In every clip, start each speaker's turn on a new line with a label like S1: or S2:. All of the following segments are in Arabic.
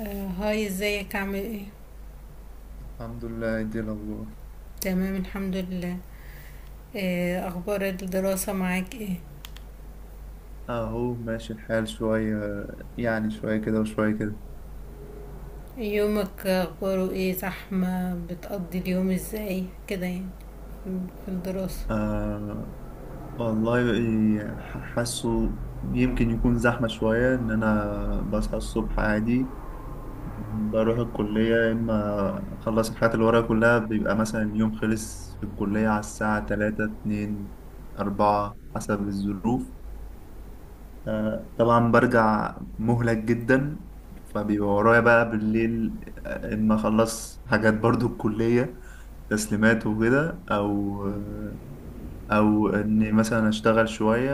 S1: آه، هاي ازيك عامل ايه؟
S2: الحمد لله. دي الأخبار
S1: تمام، الحمد لله. آه، اخبار الدراسة معاك ايه؟
S2: أهو، ماشي الحال شوية. يعني شوية كده وشوية كده.
S1: يومك اخباره ايه؟ زحمة؟ بتقضي اليوم ازاي كده يعني في الدراسة؟
S2: آه والله إيه، حاسه يمكن يكون زحمة شوية إن أنا بصحى الصبح عادي، بروح الكلية، يا إما أخلص الحاجات اللي ورايا كلها. بيبقى مثلا اليوم خلص في الكلية على الساعة تلاتة، اتنين، أربعة حسب الظروف. طبعا برجع مهلك جدا، فبيبقى ورايا بقى بالليل اما اخلص حاجات برضو الكلية، تسليمات وكده، او او اني مثلا اشتغل شوية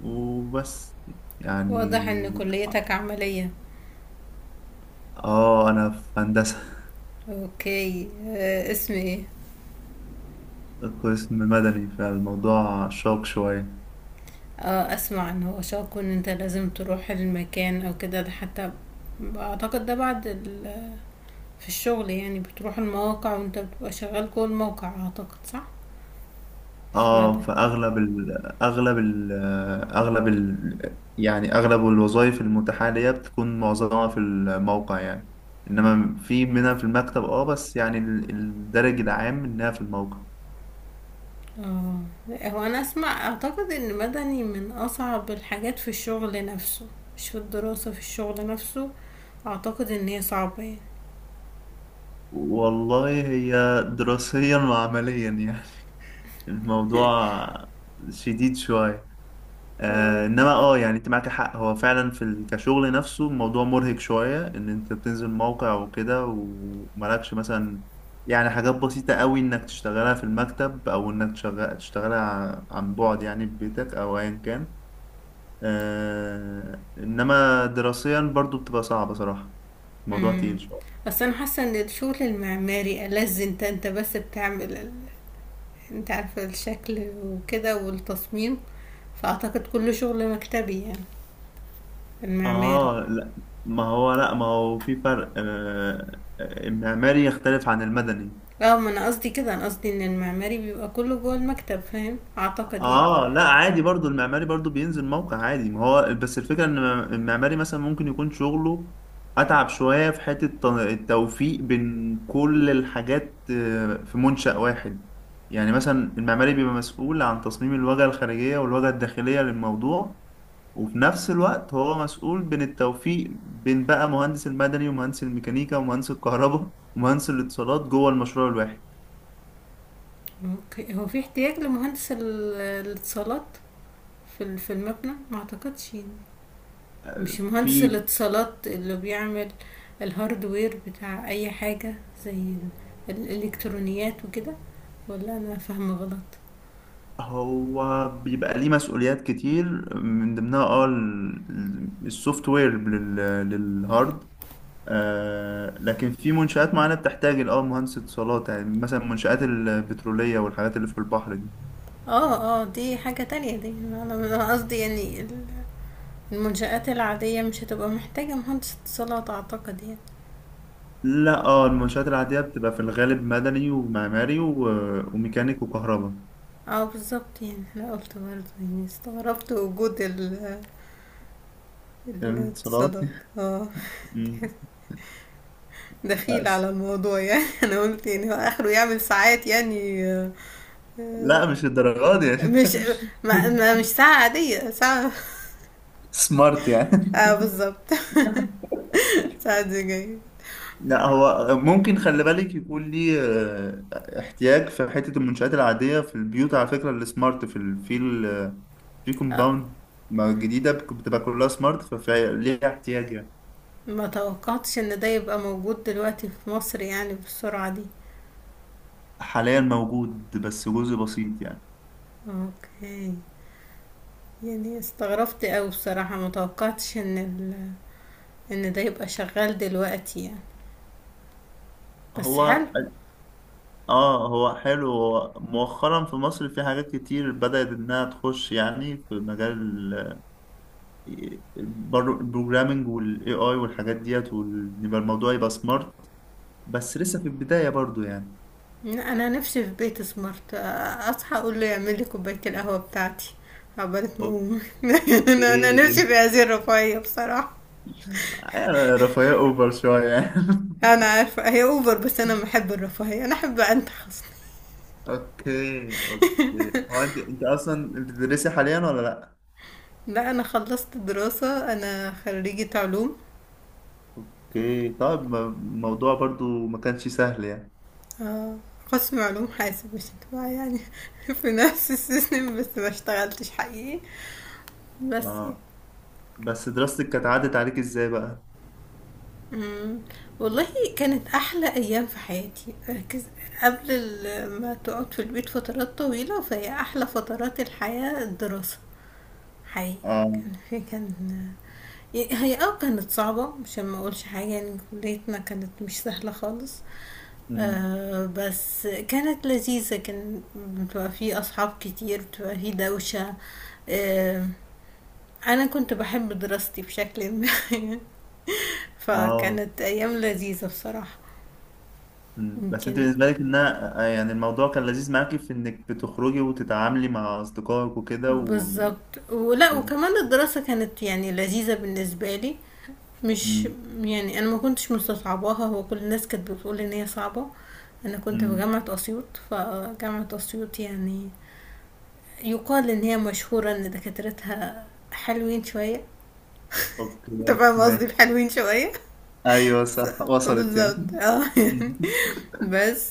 S2: وبس يعني.
S1: واضح ان كليتك عملية.
S2: اه انا في هندسة،
S1: اوكي، اسم ايه؟
S2: قسم مدني، فالموضوع شاق شوية.
S1: اه اسمع ان هو شاكو ان انت لازم تروح المكان او كده ده. حتى اعتقد ده بعد ال في الشغل، يعني بتروح المواقع وانت بتبقى شغال جوه الموقع، اعتقد صح؟ في مدى.
S2: اه فاغلب ال اغلب ال يعني اغلب الوظائف المتاحه ليا بتكون معظمها في الموقع يعني، انما في منها في المكتب، اه بس يعني الدرج العام انها في الموقع.
S1: اه. هو انا اسمع اعتقد ان مدني من اصعب الحاجات في الشغل نفسه، مش في الدراسة، في الشغل نفسه. اعتقد ان هي صعبة يعني.
S2: والله هي دراسيا وعمليا يعني الموضوع شديد شويه.
S1: اه.
S2: آه انما اه يعني انت معاك حق، هو فعلا في كشغل نفسه الموضوع مرهق شوية، ان انت بتنزل موقع وكده، ومالكش مثلا يعني حاجات بسيطة قوي انك تشتغلها في المكتب، او انك تشتغلها عن بعد يعني في بيتك او ايا كان. آه انما دراسيا برضو بتبقى صعبة صراحة، الموضوع
S1: امم.
S2: تقيل شوية.
S1: بس انا حاسة ان الشغل المعماري ألذ. انت بس بتعمل ال، انت عارفة الشكل وكده والتصميم، فاعتقد كله شغل مكتبي يعني المعماري.
S2: اه لا، ما هو في فرق، آه المعماري يختلف عن المدني.
S1: اه ما انا قصدي كده، انا قصدي ان المعماري بيبقى كله جوه المكتب، فاهم اعتقد يعني.
S2: اه لا عادي، برضو المعماري برضو بينزل موقع عادي. ما هو بس الفكرة ان المعماري مثلا ممكن يكون شغله اتعب شوية في حتة التوفيق بين كل الحاجات آه، في منشأ واحد. يعني مثلا المعماري بيبقى مسؤول عن تصميم الواجهة الخارجية والواجهة الداخلية للموضوع، وفي نفس الوقت هو مسؤول بين التوفيق بين بقى مهندس المدني، ومهندس الميكانيكا، ومهندس الكهرباء، ومهندس الاتصالات جوه المشروع الواحد.
S1: اوكي، هو في احتياج لمهندس الاتصالات في في المبنى؟ ما اعتقدش يعني. مش مهندس
S2: في
S1: الاتصالات اللي بيعمل الهاردوير بتاع اي حاجة، زي الالكترونيات وكده؟ ولا انا فاهمة غلط؟
S2: هو بيبقى ليه مسؤوليات كتير، من ضمنها اه السوفت وير للهارد. آه لكن في منشآت معينة بتحتاج اه مهندس اتصالات، يعني مثلا المنشآت البترولية والحاجات اللي في البحر دي.
S1: اه دي حاجة تانية، دي انا قصدي يعني المنشآت العادية مش هتبقى محتاجة مهندس اتصالات اعتقد يعني.
S2: لا، اه المنشآت العادية بتبقى في الغالب مدني ومعماري وميكانيك وكهرباء.
S1: اه بالظبط، يعني انا قلت برضه يعني استغربت وجود
S2: يعني اتصالات
S1: الاتصالات. اه،
S2: مم.
S1: دخيل
S2: بس.
S1: على الموضوع يعني انا قلت يعني هو اخره يعمل ساعات يعني. آه، آه،
S2: لا مش الدرجات دي يعني.
S1: مش. ما مش ساعة عادية، ساعة.
S2: سمارت يعني.
S1: اه بالظبط ساعة دي جاية.
S2: لا هو ممكن، خلي بالك يكون ليه آه، احتياج في حتة المنشآت العادية، في البيوت على فكرة السمارت، في ال في ال آه، في
S1: آه،
S2: كومباوند جديدة بتبقى كلها سمارت، فليه احتياج يعني.
S1: ما توقعتش ان ده يبقى موجود دلوقتي في مصر يعني بالسرعة دي.
S2: حاليا موجود بس جزء بسيط يعني.
S1: اوكي، يعني استغربت اوي بصراحة، ما توقعتش ان ال، ان ده يبقى شغال دلوقتي يعني. بس حلو.
S2: هو اه هو حلو، هو مؤخرا في مصر في حاجات كتير بدأت انها تخش يعني في مجال البروجرامينج والاي اي والحاجات ديت، ويبقى الموضوع يبقى سمارت، بس لسه في البداية برضو يعني.
S1: انا نفسي في بيت سمارت، اصحى اقول له يعمل لي كوبايه القهوه بتاعتي عقبال ما اقوم انا
S2: اوكي
S1: نفسي في هذه الرفاهيه بصراحه.
S2: آه، رفاهية اوفر شوية يعني.
S1: انا عارفه هي اوفر، بس انا بحب الرفاهيه، انا احب انتخص.
S2: اوكي اوكي. هو انت اصلا انت بتدرسي حاليا ولا لا؟
S1: لا، انا خلصت دراسه، انا خريجه علوم.
S2: اوكي طيب، الموضوع برضو ما كانش سهل يعني.
S1: آه، قسم علوم حاسب، مش انتباه يعني في نفس السيستم، بس ما اشتغلتش حقيقي، بس يعني.
S2: اه بس دراستك كانت عدت عليك ازاي بقى؟
S1: إمم. والله، كانت أحلى أيام في حياتي، ركز. قبل ال ما تقعد في البيت فترات طويلة، فهي أحلى فترات الحياة الدراسة حقيقي.
S2: اه.
S1: كان في كان ي هي آه كانت صعبة، عشان ما أقولش حاجة يعني كليتنا كانت مش سهلة خالص.
S2: امم.
S1: بس كانت لذيذة، كان بتبقى في أصحاب كتير، بتبقى في دوشة. آآ أنا كنت باحب دراستي بشكل ما
S2: اه.
S1: فكانت أيام لذيذة بصراحة.
S2: بس انت
S1: يمكن.
S2: بالنسبة لك انها آه، يعني الموضوع كان لذيذ معاكي في انك بتخرجي وتتعاملي مع اصدقائك وكده وال...
S1: بالظبط، ولا
S2: وال...
S1: وكمان الدراسة كانت يعني لذيذة بالنسبة لي. مش.
S2: امم.
S1: يعني انا ما كنتش مستصعباها، هو كل الناس كانت بتقول ان هي صعبة. انا كنت في
S2: امم.
S1: جامعة اسيوط، فجامعة اسيوط يعني يقال ان هي مشهورة ان دكاترتها حلوين شوية. انت
S2: اوكي
S1: فاهم قصدي
S2: ماشي.
S1: بحلوين شوية
S2: ايوه صح، وصلت
S1: بالظبط
S2: يعني.
S1: اه يعني. بس،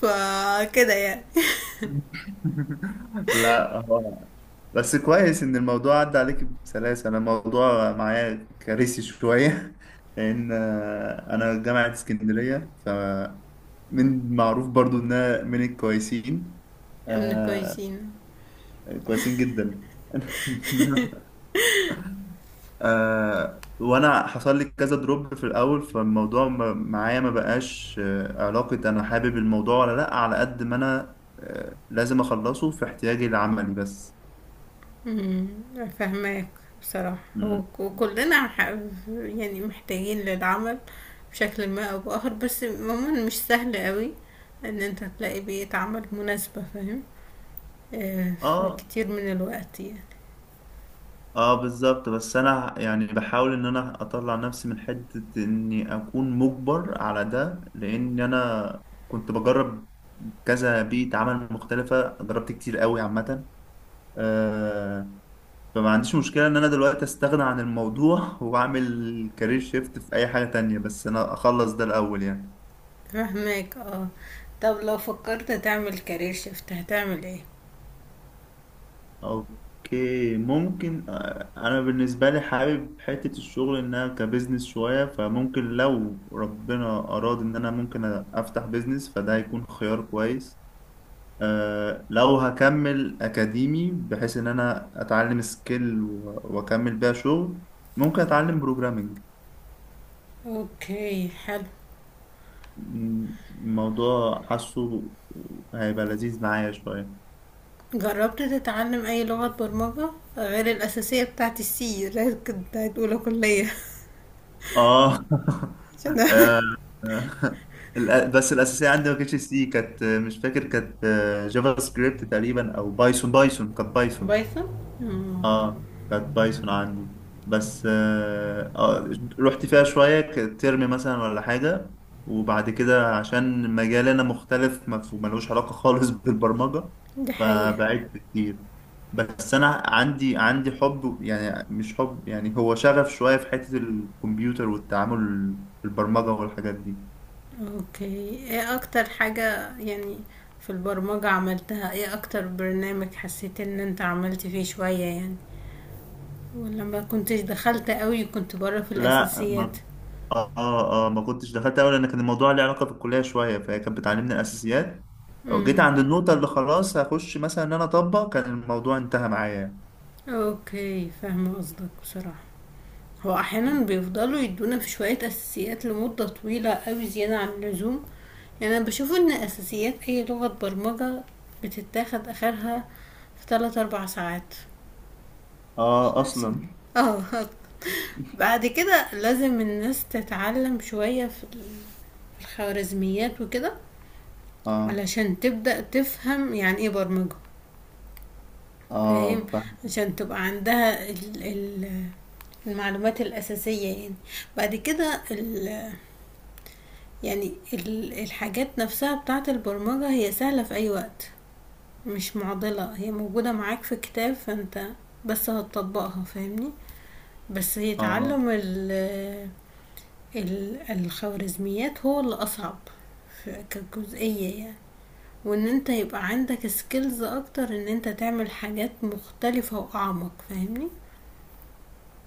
S1: فكده يعني.
S2: لا هو بس كويس ان الموضوع عدى عليك بسلاسة. انا الموضوع معايا كارثي شوية لان آه، انا جامعة اسكندرية، فمن معروف برضو انها من الكويسين.
S1: من
S2: آه
S1: الكويسين.
S2: كويسين جدا. آه، وانا حصل لي كذا دروب في الاول، فالموضوع معايا ما بقاش آه، علاقة، انا حابب الموضوع ولا لا، على قد ما انا آه، لازم اخلصه في احتياجي العملي بس.
S1: امم. فاهماك. بصراحة هو
S2: مم.
S1: وكلنا يعني محتاجين للعمل بشكل ما أو بآخر. بس عموما مش سهل قوي إن أنت تلاقي بيئة عمل مناسبة، فاهم؟ آه، في
S2: اه،
S1: كتير من الوقت يعني.
S2: اه بالظبط، بس انا يعني بحاول ان انا اطلع نفسي من حتة اني اكون مجبر على ده، لان انا كنت بجرب كذا بيئة عمل مختلفة، جربت كتير قوي عامة. آه فما عنديش مشكلة ان انا دلوقتي استغنى عن الموضوع واعمل كارير شيفت في اي حاجة تانية، بس انا اخلص ده الاول يعني.
S1: فاهماك، اه. طب لو فكرت تعمل كارير شيفت هتعمل ايه؟
S2: اوكي ممكن، آه، انا بالنسبه لي حابب حته الشغل انها كبزنس شويه، فممكن لو ربنا اراد ان انا ممكن افتح بزنس، فده هيكون خيار كويس. أه لو هكمل اكاديمي بحيث ان انا اتعلم سكيل واكمل بيها شغل، ممكن اتعلم بروجرامنج.
S1: اوكي حلو.
S2: الموضوع حاسه هيبقى لذيذ معايا شويه.
S1: جربت تتعلم أي لغة برمجة غير الأساسية بتاعت السي اللي كنت هتقولها كلية
S2: اه.
S1: عشان،
S2: آه، آه. بس الاساسيه عندي ما كانتش سي، كانت آه، مش فاكر، كانت آه، جافا سكريبت تقريبا او بايثون. بايثون كانت بايثون.
S1: بايثون؟ مم.
S2: اه كانت بايثون عندي. بس آه آه، رحت فيها شوية ترم مثلا ولا حاجة، وبعد كده عشان مجالي أنا مختلف، ملوش علاقة خالص بالبرمجة،
S1: دي حقيقة.
S2: فبعدت كتير. بس أنا عندي حب، يعني مش حب، يعني هو شغف شوية في حتة الكمبيوتر والتعامل في البرمجة والحاجات دي.
S1: اوكي، ايه اكتر حاجة يعني في البرمجة عملتها؟ ايه اكتر برنامج حسيت ان انت عملت فيه شوية يعني، ولما كنتش دخلت قوي كنت بره في
S2: لا.
S1: الاساسيات؟
S2: اه. اه ما كنتش دخلت اول، لان كان الموضوع ليه علاقه بالكليه شويه، فهي كانت بتعلمني الاساسيات. أو جيت
S1: امم.
S2: عند النقطه اللي خلاص هخش مثلا ان انا اطبق، كان الموضوع انتهى معايا.
S1: اوكي فاهمة قصدك بصراحة. هو احيانا بيفضلوا يدونا في شوية اساسيات لمدة طويلة قوي، زيادة عن اللزوم. يعني انا بشوف ان اساسيات اي لغة برمجة بتتاخد اخرها في 3 4 ساعات. مش
S2: اه
S1: عشان،
S2: اصلا.
S1: اه بعد كده لازم الناس تتعلم شوية في الخوارزميات وكده
S2: اه.
S1: علشان تبدأ تفهم يعني ايه برمجة، فاهم؟
S2: اه فاهم.
S1: عشان تبقى عندها ال المعلومات الأساسية يعني. بعد كده ال، يعني الحاجات نفسها بتاعة البرمجة هي سهلة في أي وقت، مش معضلة، هي موجودة معاك في كتاب، فانت بس هتطبقها فاهمني. بس هي
S2: اه.
S1: تعلم الخوارزميات هو اللي اصعب في، كجزئية يعني. وان انت يبقى عندك سكيلز اكتر ان انت تعمل حاجات مختلفة واعمق فاهمني.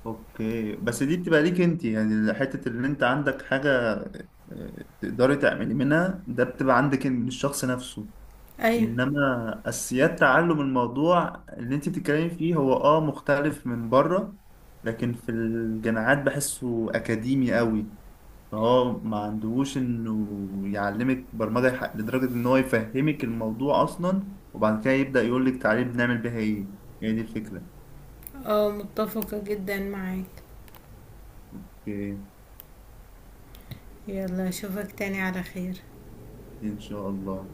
S2: اوكي بس دي بتبقى ليك انت يعني، حته اللي انت عندك حاجه آه، تقدري تعملي منها، ده بتبقى عندك من الشخص نفسه.
S1: ايوه
S2: انما اساسيات تعلم الموضوع اللي انت بتتكلمي فيه هو اه مختلف من بره، لكن في الجامعات بحسه اكاديمي قوي، فهو ما عندهوش انه يعلمك برمجة لدرجة ان هو يفهمك الموضوع اصلا، وبعد كده يبدأ يقولك تعالي بنعمل بيها ايه. هي دي الفكرة.
S1: اه، متفقة جدا معاك.
S2: اوكي.
S1: يلا اشوفك تاني على خير.
S2: ان شاء الله.